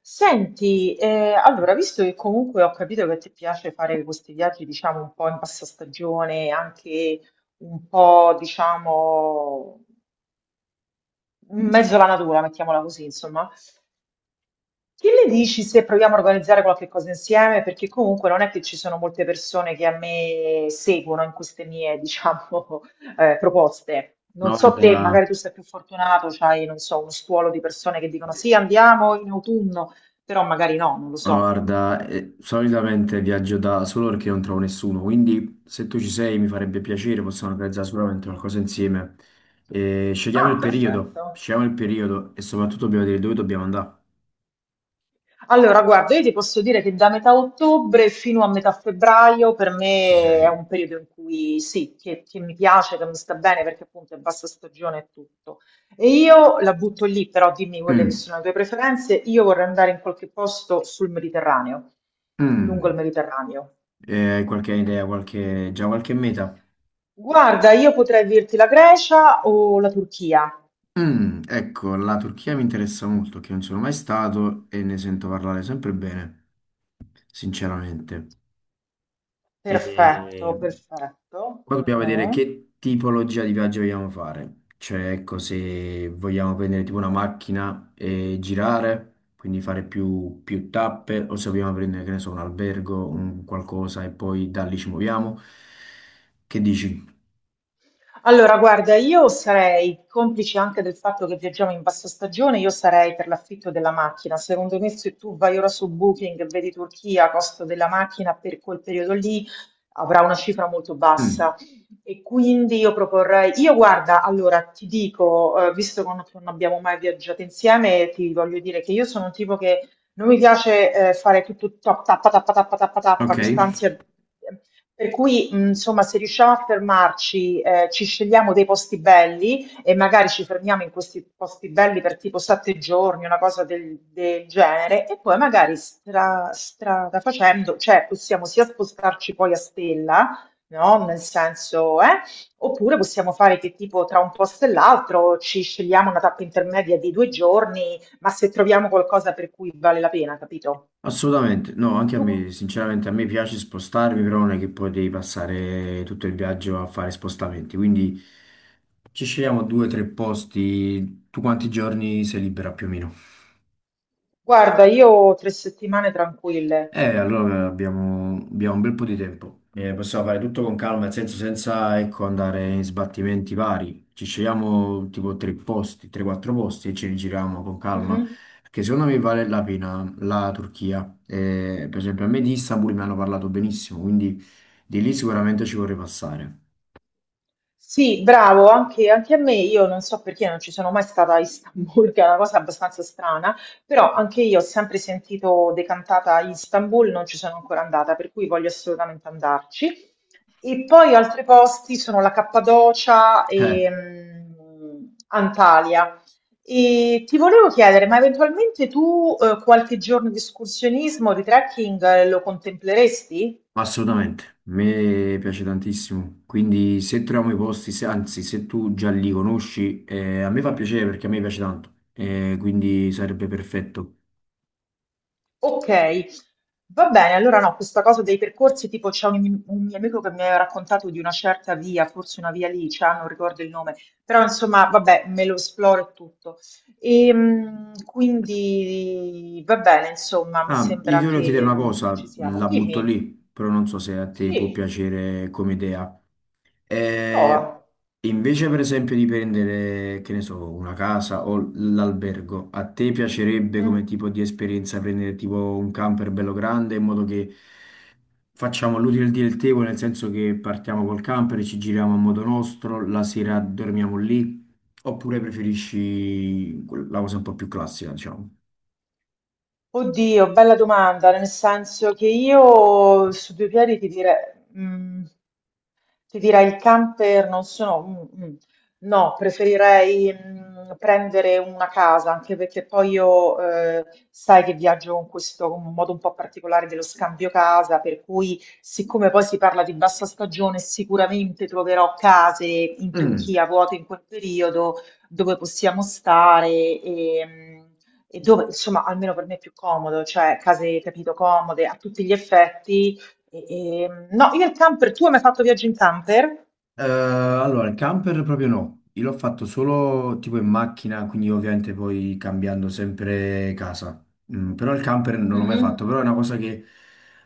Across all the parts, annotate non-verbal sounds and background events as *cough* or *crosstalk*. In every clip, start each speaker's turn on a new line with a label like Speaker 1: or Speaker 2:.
Speaker 1: Senti, allora, visto che comunque ho capito che ti piace fare questi viaggi, diciamo, un po' in passastagione, anche un po', diciamo, in mezzo alla natura, mettiamola così, insomma, che ne dici se proviamo a organizzare qualche cosa insieme? Perché comunque non è che ci sono molte persone che a me seguono in queste mie, diciamo, *laughs* proposte. Non
Speaker 2: Ma
Speaker 1: so te, magari
Speaker 2: guarda,
Speaker 1: tu sei più fortunato, c'hai, non so, uno stuolo di persone che dicono sì, andiamo in autunno, però magari no, non lo so.
Speaker 2: Solitamente viaggio da solo perché non trovo nessuno, quindi se tu ci sei mi farebbe piacere, possiamo organizzare sicuramente qualcosa insieme. E
Speaker 1: Ah, perfetto.
Speaker 2: scegliamo il periodo e soprattutto dobbiamo dire dove dobbiamo andare.
Speaker 1: Allora, guarda, io ti posso dire che da metà ottobre fino a metà febbraio per
Speaker 2: Ci
Speaker 1: me è
Speaker 2: sei.
Speaker 1: un periodo in cui sì, che mi piace, che mi sta bene perché appunto è bassa stagione e tutto. E io la butto lì, però dimmi quelle che
Speaker 2: Mm,
Speaker 1: sono le tue preferenze. Io vorrei andare in qualche posto sul Mediterraneo, lungo il
Speaker 2: mm.
Speaker 1: Mediterraneo.
Speaker 2: Hai qualche idea, già qualche meta?
Speaker 1: Guarda, io potrei dirti la Grecia o la Turchia.
Speaker 2: Mm, ecco, la Turchia mi interessa molto, che non sono mai stato e ne sento parlare sempre bene, sinceramente.
Speaker 1: Perfetto,
Speaker 2: E
Speaker 1: perfetto.
Speaker 2: Poi dobbiamo vedere
Speaker 1: Mhm.
Speaker 2: che tipologia di viaggio vogliamo fare. Cioè, ecco, se vogliamo prendere tipo una macchina e girare, quindi fare più tappe, o se vogliamo prendere, che ne so, un albergo, un qualcosa e poi da lì ci muoviamo. Che dici?
Speaker 1: Allora, guarda, io sarei, complice anche del fatto che viaggiamo in bassa stagione, io sarei per l'affitto della macchina. Secondo me, se tu vai ora su Booking e vedi Turchia, costo della macchina per quel periodo lì avrà una cifra molto
Speaker 2: Mm,
Speaker 1: bassa. E quindi io proporrei, io guarda, allora ti dico, visto che non abbiamo mai viaggiato insieme, ti voglio dire che io sono un tipo che non mi piace fare tutto top, tappa, tappa, tappa, tappa, tappa,
Speaker 2: ok,
Speaker 1: quest'ansia, per cui, insomma, se riusciamo a fermarci, ci scegliamo dei posti belli e magari ci fermiamo in questi posti belli per tipo 7 giorni, una cosa del genere, e poi magari strada facendo, cioè possiamo sia spostarci poi a stella, no? Nel senso, eh? Oppure possiamo fare che tipo tra un posto e l'altro ci scegliamo una tappa intermedia di 2 giorni, ma se troviamo qualcosa per cui vale la pena, capito?
Speaker 2: assolutamente. No, anche a
Speaker 1: Tu,
Speaker 2: me, sinceramente, a me piace spostarmi, però non è che poi devi passare tutto il viaggio a fare spostamenti. Quindi ci scegliamo due o tre posti. Tu quanti giorni sei libera più o meno?
Speaker 1: guarda, io ho 3 settimane tranquille.
Speaker 2: Allora abbiamo un bel po' di tempo. Possiamo fare tutto con calma, nel senso senza, ecco, andare in sbattimenti vari. Ci scegliamo tipo tre posti, 3-4 posti e ce li giriamo con calma.
Speaker 1: Mhm.
Speaker 2: Perché secondo me vale la pena la Turchia. Per esempio, a me di Istanbul mi hanno parlato benissimo, quindi di lì sicuramente ci vorrei passare.
Speaker 1: Sì, bravo, anche, anche a me, io non so perché non ci sono mai stata a Istanbul, *laughs* che è una cosa abbastanza strana, però anche io ho sempre sentito decantata Istanbul, non ci sono ancora andata, per cui voglio assolutamente andarci. E poi altri posti sono la Cappadocia
Speaker 2: Eh,
Speaker 1: e Antalya. E ti volevo chiedere, ma eventualmente tu qualche giorno di escursionismo, di trekking, lo contempleresti?
Speaker 2: Assolutamente, a me piace tantissimo, quindi se troviamo i posti, anzi se tu già li conosci, a me fa piacere perché a me piace tanto, quindi sarebbe perfetto.
Speaker 1: Ok, va bene, allora no, questa cosa dei percorsi, tipo c'è un mio amico che mi aveva raccontato di una certa via, forse una via lì, cioè, non ricordo il nome, però insomma, vabbè, me lo esploro e tutto. E, quindi va bene, insomma, mi
Speaker 2: Ah, io ti
Speaker 1: sembra
Speaker 2: volevo chiedere
Speaker 1: che,
Speaker 2: una
Speaker 1: mh, che ci
Speaker 2: cosa,
Speaker 1: siamo.
Speaker 2: la butto
Speaker 1: Dimmi,
Speaker 2: lì, però non so se a te può
Speaker 1: sì,
Speaker 2: piacere come idea. E
Speaker 1: prova.
Speaker 2: invece, per esempio, di prendere, che ne so, una casa o l'albergo, a te piacerebbe come
Speaker 1: Mm.
Speaker 2: tipo di esperienza prendere tipo un camper bello grande in modo che facciamo l'utile del dilettevole, nel senso che partiamo col camper, ci giriamo a modo nostro, la sera dormiamo lì, oppure preferisci la cosa un po' più classica, diciamo?
Speaker 1: Oddio, bella domanda, nel senso che io su due piedi mm, Ti direi il camper non sono mh, mh, no, preferirei prendere una casa, anche perché poi io sai che viaggio con questo con un modo un po' particolare dello scambio casa, per cui siccome poi si parla di bassa stagione, sicuramente troverò case in
Speaker 2: Mm.
Speaker 1: Turchia vuote in quel periodo dove possiamo stare e dove, insomma, almeno per me è più comodo, cioè case, capito, comode a tutti gli effetti no, io il camper, tu hai mai fatto viaggio in camper?
Speaker 2: Allora, il camper proprio no, io l'ho fatto solo tipo in macchina, quindi ovviamente poi cambiando sempre casa. Mm, però il camper non l'ho mai
Speaker 1: Mhm.
Speaker 2: fatto, però è una cosa che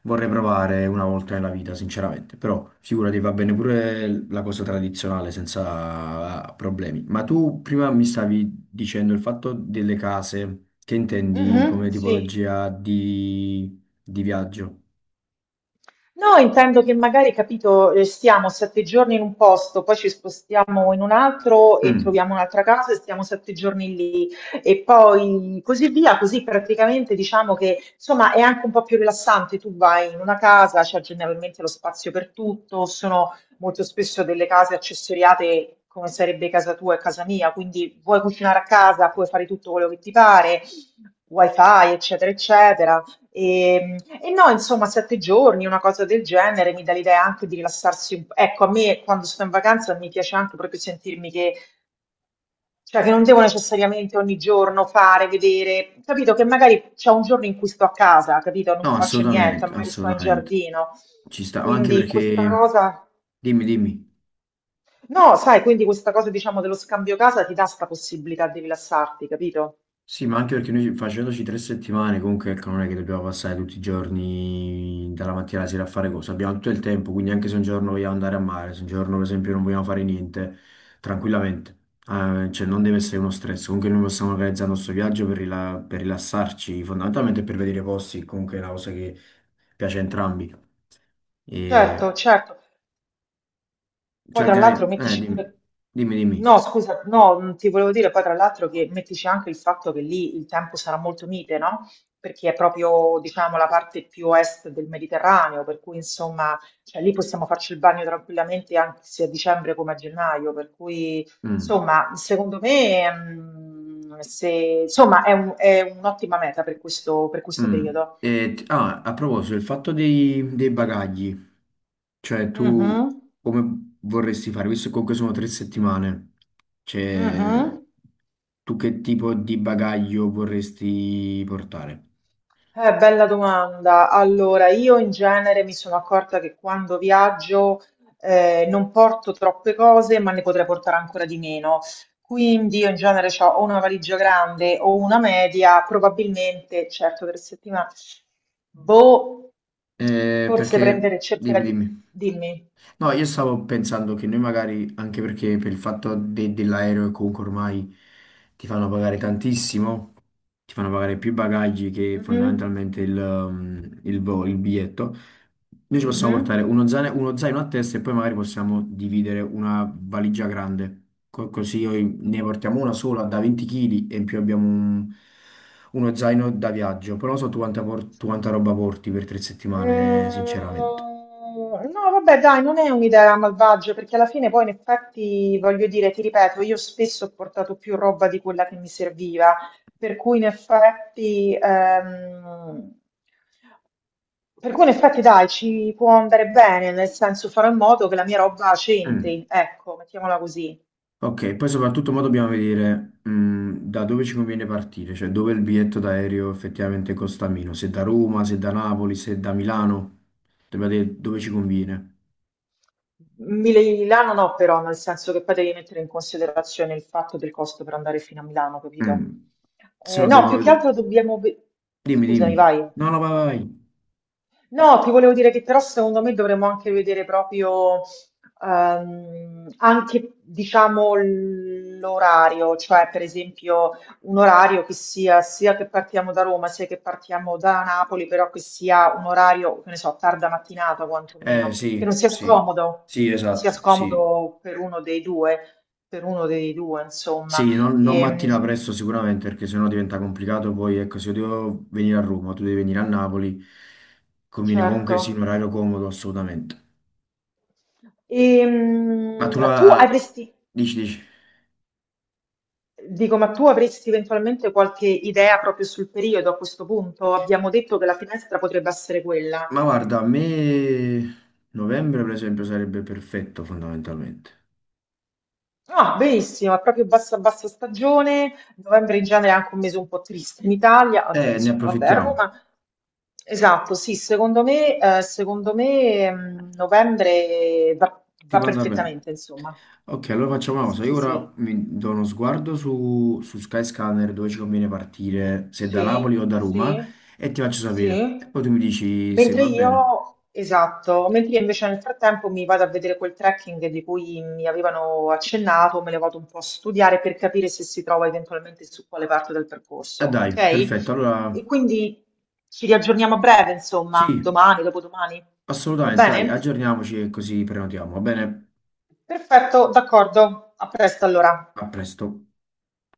Speaker 2: vorrei provare una volta nella vita, sinceramente. Però figurati, va bene pure la cosa tradizionale senza ah, problemi. Ma tu prima mi stavi dicendo il fatto delle case, che intendi
Speaker 1: Mhm,
Speaker 2: come
Speaker 1: sì.
Speaker 2: tipologia di viaggio?
Speaker 1: No, intendo che magari, capito, stiamo 7 giorni in un posto, poi ci spostiamo in un altro e
Speaker 2: Mm.
Speaker 1: troviamo un'altra casa e stiamo 7 giorni lì e poi così via, così praticamente diciamo che insomma è anche un po' più rilassante, tu vai in una casa, c'è generalmente lo spazio per tutto, sono molto spesso delle case accessoriate come sarebbe casa tua e casa mia, quindi vuoi cucinare a casa, puoi fare tutto quello che ti pare, wifi, eccetera, eccetera. E, e no, insomma, 7 giorni, una cosa del genere, mi dà l'idea anche di rilassarsi un po'. Ecco, a me quando sto in vacanza mi piace anche proprio sentirmi che, cioè, che non devo necessariamente ogni giorno fare, vedere, capito? Che magari c'è un giorno in cui sto a casa, capito? Non
Speaker 2: No,
Speaker 1: faccio niente,
Speaker 2: assolutamente,
Speaker 1: magari sto in
Speaker 2: assolutamente.
Speaker 1: giardino.
Speaker 2: Ci sta, ma anche
Speaker 1: Quindi questa
Speaker 2: perché...
Speaker 1: cosa,
Speaker 2: Dimmi, dimmi.
Speaker 1: no, sai, quindi questa cosa, diciamo, dello scambio casa ti dà questa possibilità di rilassarti, capito?
Speaker 2: Sì, ma anche perché noi facendoci tre settimane, comunque ecco, non è che dobbiamo passare tutti i giorni dalla mattina alla sera a fare cose, abbiamo tutto il tempo, quindi anche se un giorno vogliamo andare a mare, se un giorno per esempio non vogliamo fare niente, tranquillamente. Cioè non deve essere uno stress, comunque noi possiamo organizzare il nostro viaggio per, per rilassarci, fondamentalmente per vedere posti, comunque è una cosa che piace a entrambi. E...
Speaker 1: Certo, certo. Poi tra l'altro mettici
Speaker 2: dimmi,
Speaker 1: pure,
Speaker 2: dimmi.
Speaker 1: no scusa, no, ti volevo dire poi tra l'altro che mettici anche il fatto che lì il tempo sarà molto mite, no? Perché è proprio, diciamo, la parte più est del Mediterraneo, per cui insomma, cioè, lì possiamo farci il bagno tranquillamente anche sia a dicembre come a gennaio, per cui
Speaker 2: Mm,
Speaker 1: insomma, secondo me, mm, se, insomma, è è un'ottima meta per questo
Speaker 2: mm.
Speaker 1: periodo.
Speaker 2: A proposito, il fatto dei
Speaker 1: De-
Speaker 2: bagagli, cioè tu
Speaker 1: Mhm,
Speaker 2: come vorresti fare, visto che comunque sono tre settimane, cioè
Speaker 1: mhm.
Speaker 2: tu che tipo di bagaglio vorresti portare?
Speaker 1: Bella domanda. Allora, io in genere mi sono accorta che quando viaggio non porto troppe cose, ma ne potrei portare ancora di meno. Quindi io in genere ho o una valigia grande o una media, probabilmente, certo, per settimana, boh, forse prendere,
Speaker 2: Perché,
Speaker 1: cercherà di...
Speaker 2: dimmi.
Speaker 1: Dimmi.
Speaker 2: No, io stavo pensando che noi magari, anche perché per il fatto dell'aereo che comunque ormai ti fanno pagare tantissimo, ti fanno pagare più bagagli che
Speaker 1: Mhm,
Speaker 2: fondamentalmente il, um, il vo- il biglietto, noi ci possiamo
Speaker 1: mhm.
Speaker 2: portare uno zaino a testa e poi magari possiamo dividere una valigia grande. Così ne portiamo una sola da 20 kg e in più abbiamo uno zaino da viaggio, però non so tu tu quanta roba porti per tre settimane,
Speaker 1: Mm,
Speaker 2: sinceramente.
Speaker 1: no, vabbè, dai, non è un'idea malvagia, perché alla fine poi in effetti, voglio dire, ti ripeto, io spesso ho portato più roba di quella che mi serviva, per cui in effetti, ehm, per cui in effetti, dai, ci può andare bene, nel senso farò in modo che la mia roba
Speaker 2: Mm.
Speaker 1: c'entri, ecco, mettiamola così.
Speaker 2: Ok, poi soprattutto mo dobbiamo vedere da dove ci conviene partire, cioè dove il biglietto d'aereo effettivamente costa meno, se da Roma, se da Napoli, se da Milano, dobbiamo vedere dove ci conviene.
Speaker 1: Milano no, però, nel senso che poi devi mettere in considerazione il fatto del costo per andare fino a Milano, capito?
Speaker 2: Mm, se no
Speaker 1: No,
Speaker 2: dovremmo
Speaker 1: più che
Speaker 2: vedere...
Speaker 1: altro dobbiamo...
Speaker 2: Dimmi, dimmi.
Speaker 1: Scusami, vai.
Speaker 2: No, no, vai, vai.
Speaker 1: No, ti volevo dire che però secondo me dovremmo anche vedere proprio anche diciamo l'orario, cioè per esempio un orario che sia sia che partiamo da Roma sia che partiamo da Napoli, però che sia un orario, che ne so, tarda mattinata
Speaker 2: Vai.
Speaker 1: quantomeno, che non
Speaker 2: Sì,
Speaker 1: sia
Speaker 2: sì,
Speaker 1: scomodo,
Speaker 2: sì,
Speaker 1: che non sia
Speaker 2: esatto, sì.
Speaker 1: scomodo per uno dei due, per uno dei due, insomma.
Speaker 2: Sì, non
Speaker 1: Ehm,
Speaker 2: mattina presto sicuramente perché sennò diventa complicato, poi ecco, se io devo venire a Roma, tu devi venire a Napoli, conviene comunque sì un
Speaker 1: certo.
Speaker 2: orario comodo assolutamente.
Speaker 1: E,
Speaker 2: Ma tu
Speaker 1: tu
Speaker 2: la...
Speaker 1: avresti
Speaker 2: Dici, dici.
Speaker 1: Dico, ma tu avresti eventualmente qualche idea proprio sul periodo a questo punto? Abbiamo detto che la finestra potrebbe essere
Speaker 2: Ma
Speaker 1: quella.
Speaker 2: guarda, a me novembre per esempio sarebbe perfetto fondamentalmente.
Speaker 1: Ah, benissimo, è proprio bassa bassa stagione, novembre in genere è anche un mese un po' triste in Italia, almeno
Speaker 2: Ne
Speaker 1: insomma, vabbè, a
Speaker 2: approfittiamo.
Speaker 1: Roma. Esatto, sì, secondo me, novembre
Speaker 2: Ti
Speaker 1: va
Speaker 2: può andare bene.
Speaker 1: perfettamente, insomma.
Speaker 2: Ok, allora facciamo una
Speaker 1: Sì,
Speaker 2: cosa. Io
Speaker 1: sì,
Speaker 2: ora
Speaker 1: sì.
Speaker 2: mi do uno sguardo su Skyscanner dove ci conviene partire, se da
Speaker 1: Sì,
Speaker 2: Napoli o da Roma,
Speaker 1: sì,
Speaker 2: e ti faccio sapere.
Speaker 1: sì.
Speaker 2: E poi tu mi dici se
Speaker 1: Mentre
Speaker 2: va bene.
Speaker 1: io, esatto, mentre io invece nel frattempo mi vado a vedere quel trekking di cui mi avevano accennato, me lo vado un po' a studiare per capire se si trova eventualmente su quale parte del percorso,
Speaker 2: Dai,
Speaker 1: ok?
Speaker 2: perfetto. Allora,
Speaker 1: E quindi ci riaggiorniamo a breve, insomma,
Speaker 2: sì,
Speaker 1: domani, dopodomani. Va
Speaker 2: assolutamente, dai,
Speaker 1: bene?
Speaker 2: aggiorniamoci e così prenotiamo. Va bene?
Speaker 1: Perfetto, d'accordo. A presto allora.
Speaker 2: A presto.